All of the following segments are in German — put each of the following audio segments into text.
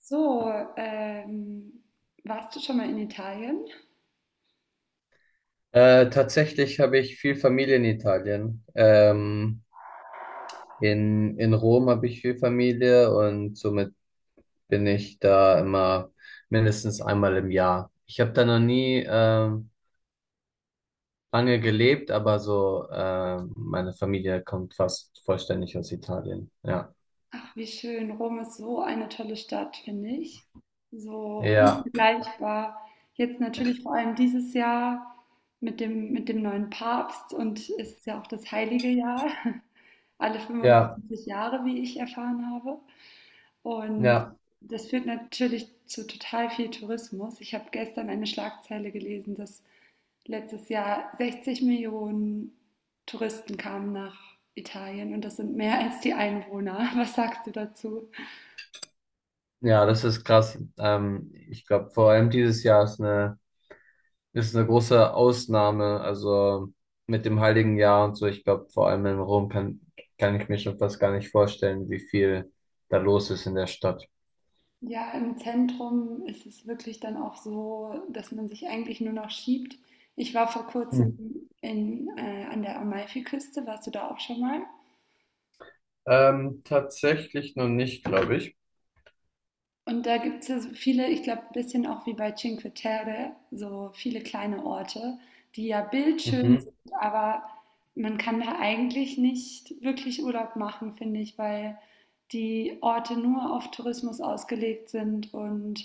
So, ähm, Warst du schon mal in Italien? Tatsächlich habe ich viel Familie in Italien. In Rom habe ich viel Familie und somit bin ich da immer mindestens einmal im Jahr. Ich habe da noch nie lange gelebt, aber so meine Familie kommt fast vollständig aus Italien. Ja, Ach, wie schön. Rom ist so eine tolle Stadt, finde ich. So ja, unvergleichbar. Jetzt natürlich vor allem dieses Jahr mit dem neuen Papst und es ist ja auch das heilige Jahr. Alle ja, 25 Jahre, wie ich erfahren habe. Und ja, das führt natürlich zu total viel Tourismus. Ich habe gestern eine Schlagzeile gelesen, dass letztes Jahr 60 Millionen Touristen kamen nach Italien und das sind mehr als die Einwohner. Was sagst du dazu? ja, das ist krass. Ich glaube, vor allem dieses Jahr ist eine große Ausnahme, also mit dem Heiligen Jahr und so. Ich glaube, vor allem in Rom kann ich mir schon fast gar nicht vorstellen, wie viel da los ist in der Stadt. Ja, im Zentrum ist es wirklich dann auch so, dass man sich eigentlich nur noch schiebt. Ich war vor Hm. kurzem an der Amalfiküste. Warst du da auch schon mal? Tatsächlich noch nicht, glaube ich. Und da gibt es ja so viele, ich glaube, ein bisschen auch wie bei Cinque Terre, so viele kleine Orte, die ja bildschön Mhm. sind, aber man kann da eigentlich nicht wirklich Urlaub machen, finde ich, weil die Orte nur auf Tourismus ausgelegt sind und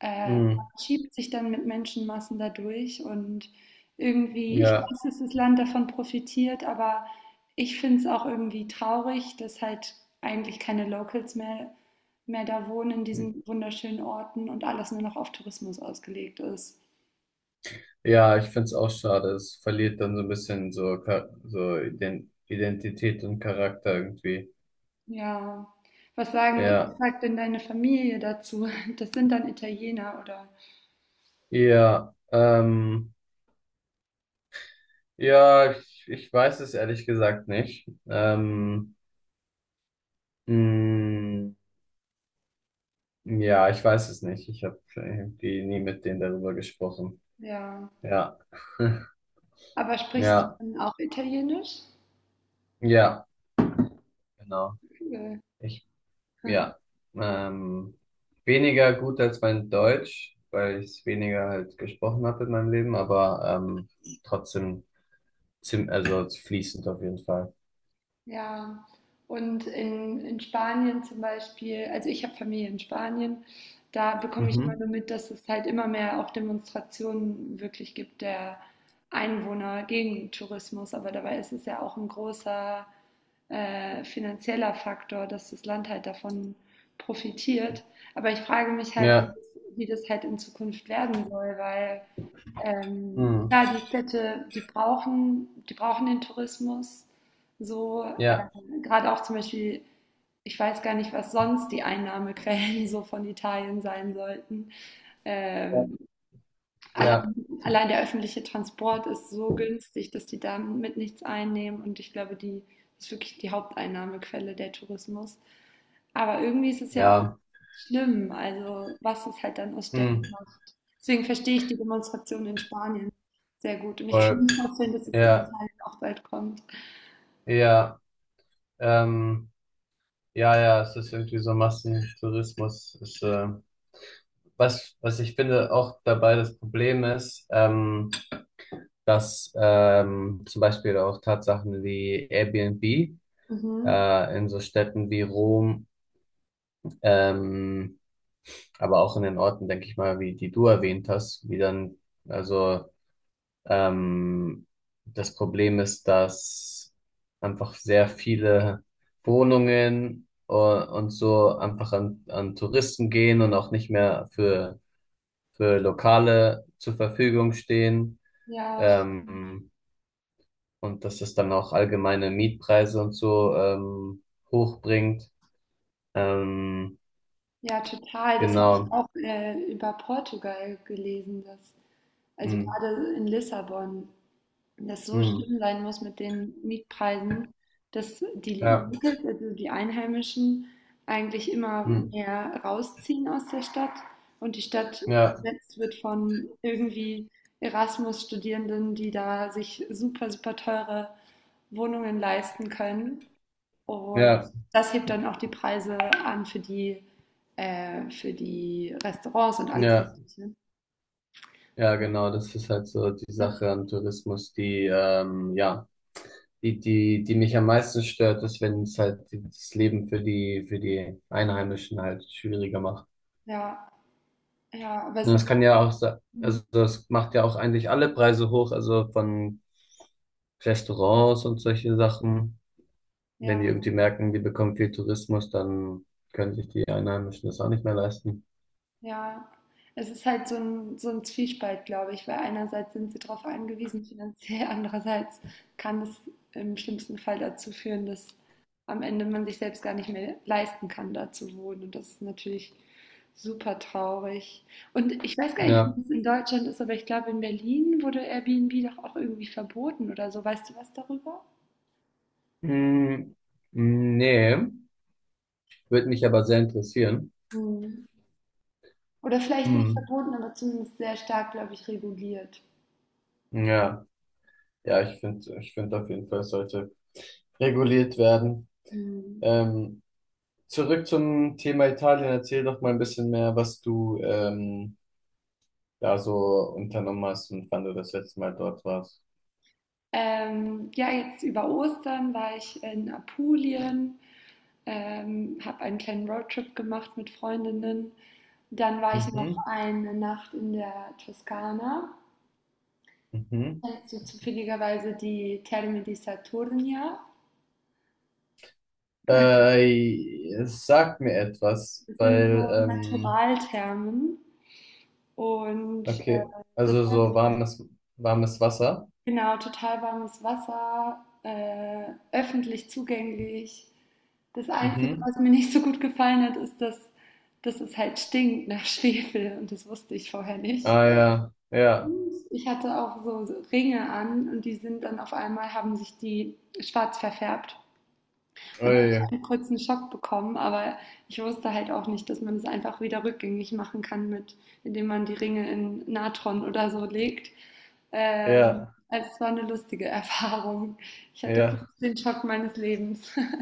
man Mhm. schiebt sich dann mit Menschenmassen dadurch und irgendwie, ich Ja, weiß, dass das Land davon profitiert, aber ich finde es auch irgendwie traurig, dass halt eigentlich keine Locals mehr da wohnen in diesen wunderschönen Orten und alles nur noch auf Tourismus ausgelegt ist. ja, ich finde es auch schade. Es verliert dann so ein bisschen so, Identität und Charakter irgendwie. Ja. Was sagen, was Ja, sagt denn deine Familie dazu? Das sind dann Italiener oder ja, ja, ich weiß es ehrlich gesagt nicht. Mh. Ja, ich weiß es nicht. Ich habe irgendwie nie mit denen darüber gesprochen. ja. Ja, Aber sprichst du ja, dann auch Italienisch? ja, genau. Cool. Ich, ja, ähm, weniger gut als mein Deutsch, weil ich es weniger halt gesprochen habe in meinem Leben, aber trotzdem zim also fließend auf jeden Fall. Ja, und in Spanien zum Beispiel, also ich habe Familie in Spanien, da bekomme ich immer Mhm. nur mit, dass es halt immer mehr auch Demonstrationen wirklich gibt der Einwohner gegen Tourismus, aber dabei ist es ja auch ein großer finanzieller Faktor, dass das Land halt davon profitiert. Aber ich frage mich halt, wie Ja, das, wie das halt in Zukunft werden soll, weil mhm. ja, die Städte, die brauchen den Tourismus. So, Ja, gerade auch zum Beispiel, ich weiß gar nicht, was sonst die Einnahmequellen so von Italien sein sollten. ja, Ähm, ja, Allein, allein der öffentliche Transport ist so günstig, dass die damit nichts einnehmen. Und ich glaube, die das ist wirklich die Haupteinnahmequelle der Tourismus. Aber irgendwie ist es ja auch ja, schlimm, also was es halt dann aus Städten mhm. macht. Deswegen verstehe ich die Demonstration in Spanien sehr gut. Und ich kann Voll, mir vorstellen, dass es in ja, Italien auch bald kommt. ja, ähm, ja, ja, es ist irgendwie so Massentourismus, was ich finde auch dabei das Problem ist, dass zum Beispiel auch Tatsachen wie Airbnb Mhm. In so Städten wie Rom, ähm, aber auch in den Orten, denke ich mal, wie die du erwähnt hast, wie dann, also ähm, das Problem ist, dass einfach sehr viele Wohnungen und so einfach an Touristen gehen und auch nicht mehr für Lokale zur Verfügung stehen, Ja, ähm, und dass es dann auch allgemeine Mietpreise und so hochbringt. Ähm, ja, total. Das habe ich genau. auch über Portugal gelesen, dass also Hm. gerade in Lissabon, das so Hm. schlimm sein muss mit den Mietpreisen, dass die Ja. Locals, also die Einheimischen, eigentlich immer Hm. mehr rausziehen aus der Stadt und die Stadt Ja. besetzt wird von irgendwie Erasmus-Studierenden, die da sich super, super teure Wohnungen leisten können. Und Ja. das hebt dann auch die Preise an für die Restaurants und alles Ja. Mögliche. Ja, genau. Das ist halt so die Das, Sache an Tourismus, die ja. Die mich am meisten stört, ist, wenn es halt das Leben für für die Einheimischen halt schwieriger macht. Ja. Ja, aber Und es das ist kann halt, ja auch, also mhm, das macht ja auch eigentlich alle Preise hoch, also von Restaurants und solche Sachen. Wenn die ja, irgendwie merken, die bekommen viel Tourismus, dann können sich die Einheimischen das auch nicht mehr leisten. ja. Es ist halt so ein Zwiespalt, glaube ich, weil einerseits sind sie darauf angewiesen finanziell, andererseits kann es im schlimmsten Fall dazu führen, dass am Ende man sich selbst gar nicht mehr leisten kann, da zu wohnen. Und das ist natürlich super traurig. Und ich weiß gar nicht, Ja. wie es in Deutschland ist, aber ich glaube, in Berlin wurde Airbnb doch auch irgendwie verboten oder so. Weißt du was darüber? Hm, nee, würde mich aber sehr interessieren. Hm. Oder vielleicht nicht Hm, verboten, aber zumindest sehr stark, glaube ich, reguliert. ja, ja, ich finde auf jeden Fall, es sollte reguliert werden. Hm. Ähm, zurück zum Thema Italien, erzähl doch mal ein bisschen mehr, was du da so unternommen hast und wann du das letzte Mal dort warst. Ja, jetzt über Ostern war ich in Apulien, habe einen kleinen Roadtrip gemacht mit Freundinnen. Dann war ich noch Mhm, eine Nacht in der Toskana. mhm. Kennst du zufälligerweise die Terme di Saturnia? Es sagt mir etwas, Das sind weil, so Naturalthermen und okay, das also hat so warmes Wasser. genau total warmes Wasser, öffentlich zugänglich. Das Einzige, Mhm. was mir nicht so gut gefallen hat, ist, dass es halt stinkt nach Schwefel und das wusste ich vorher nicht. Ah ja, ja, Ich hatte auch so Ringe an und die sind dann auf einmal, haben sich die schwarz verfärbt. Und da habe ui, ich einen kurzen Schock bekommen, aber ich wusste halt auch nicht, dass man es einfach wieder rückgängig machen kann, indem man die Ringe in Natron oder so legt. Ja, Also es war eine lustige Erfahrung. Ich hatte ja, kurz den Schock meines Lebens.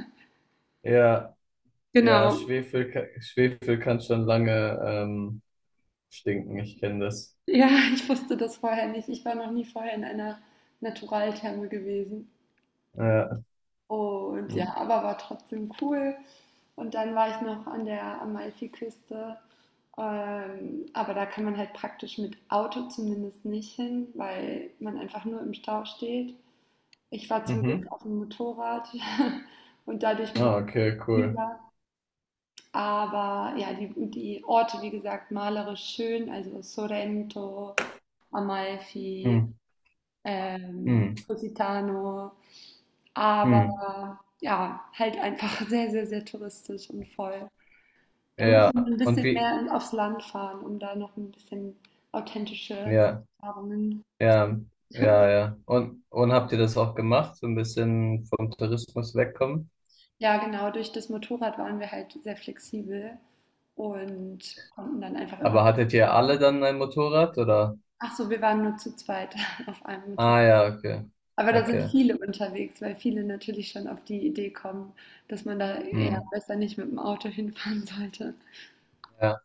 ja, ja, Genau. Schwefel kann schon lange stinken, ich kenne das. Ja, ich wusste das vorher nicht. Ich war noch nie vorher in einer Naturaltherme gewesen. Ja. Und Mhm. ja, aber war trotzdem cool. Und dann war ich noch an der Amalfiküste. Aber da kann man halt praktisch mit Auto zumindest nicht hin, weil man einfach nur im Stau steht. Ich war zum Glück Mhm. auf dem Motorrad und dadurch ein Ah, bisschen okay, cool. flexibler. Aber ja, die Orte, wie gesagt, malerisch schön, also Sorrento, Amalfi, Mhm. Mhm. Positano, Mhm. aber ja, halt einfach sehr, sehr, sehr touristisch und voll. Da Ja, muss man ein und bisschen wie? mehr aufs Land fahren, um da noch ein bisschen authentische Ja. Erfahrungen. Ja, ja, ja. Und habt ihr das auch gemacht, so ein bisschen vom Tourismus wegkommen? Ja, genau, durch das Motorrad waren wir halt sehr flexibel und konnten dann einfach immer. Aber hattet ihr alle dann ein Motorrad oder? Ach so, wir waren nur zu zweit auf einem Motorrad. Ah ja, okay. Aber da sind Okay. viele unterwegs, weil viele natürlich schon auf die Idee kommen, dass man da eher Hm. besser nicht mit dem Auto hinfahren sollte. Ja,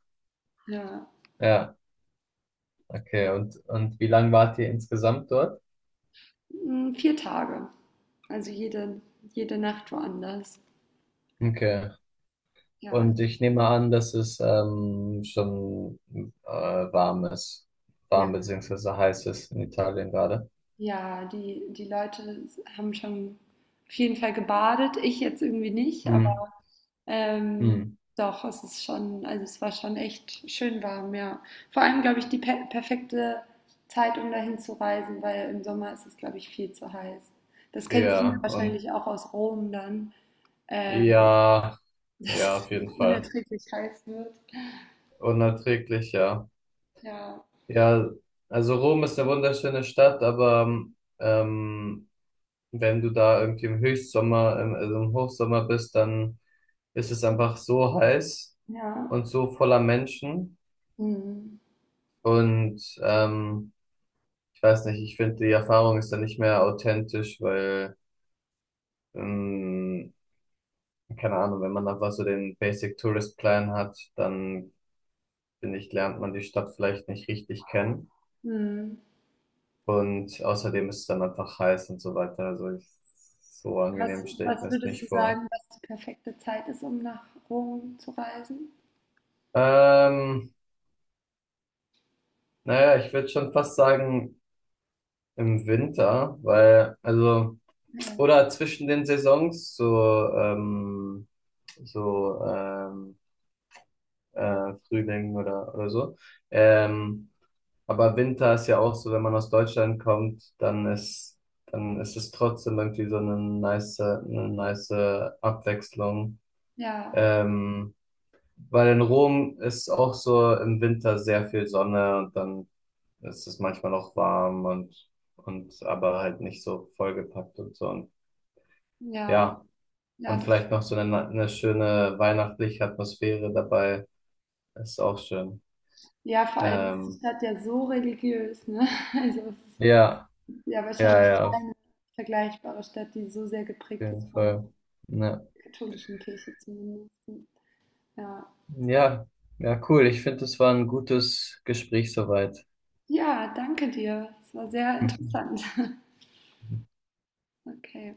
Ja. ja, okay. Und wie lang wart ihr insgesamt dort? Hm, 4 Tage. Also jede Nacht woanders. Okay. Ja, Und ich nehme an, dass es schon warm ist. Warm ja, beziehungsweise heiß ist in Italien gerade. ja, die Leute haben schon auf jeden Fall gebadet, ich jetzt irgendwie nicht, Hm. aber, ähm, Hm. doch, es ist schon, also es war schon echt schön warm, ja. Vor allem, glaube ich, die perfekte Zeit, um dahin zu reisen, weil im Sommer ist es, glaube ich, viel zu heiß. Das kennst du ja Ja, und wahrscheinlich auch aus Rom dann, ähm, ja, dass ja, es auf jeden Fall. unerträglich heiß wird. Unerträglich, ja. Ja, Ja, also Rom ist eine wunderschöne Stadt, aber ähm, wenn du da irgendwie im also im Hochsommer bist, dann ist es einfach so heiß ja. und so voller Menschen. Mhm. Und ich weiß nicht, ich finde, die Erfahrung ist dann nicht mehr authentisch, weil, ähm, keine Ahnung, wenn man einfach so den Basic Tourist Plan hat, dann finde ich, lernt man die Stadt vielleicht nicht richtig kennen. Mhm. Und außerdem ist es dann einfach heiß und so weiter. Also so angenehm Was stelle ich mir was es würdest du nicht vor. sagen, was die perfekte Zeit ist, um nach Rom zu reisen? Ähm, naja, ich würde schon fast sagen im Winter, weil, also, Ja, oder zwischen den Saisons, so, ähm, Frühling oder so. Ähm, aber Winter ist ja auch so, wenn man aus Deutschland kommt, dann ist es trotzdem irgendwie so eine nice Abwechslung. ja, Ähm, Weil in Rom ist auch so im Winter sehr viel Sonne und dann ist es manchmal noch warm und aber halt nicht so vollgepackt und so. Und ja, ja, ja, und das, vielleicht noch so eine schöne weihnachtliche Atmosphäre dabei. Ist auch schön. ja, vor allem ist die Ähm, Stadt ja so religiös, ne? Also es ja, ist ja ja, wahrscheinlich ja, auf keine vergleichbare Stadt, die so sehr geprägt ist jeden von Fall. Ja, der katholischen Kirche zumindest. Ja, ja, ja, cool. Ich finde, es war ein gutes Gespräch soweit. ja, danke dir. Es war sehr interessant. Okay.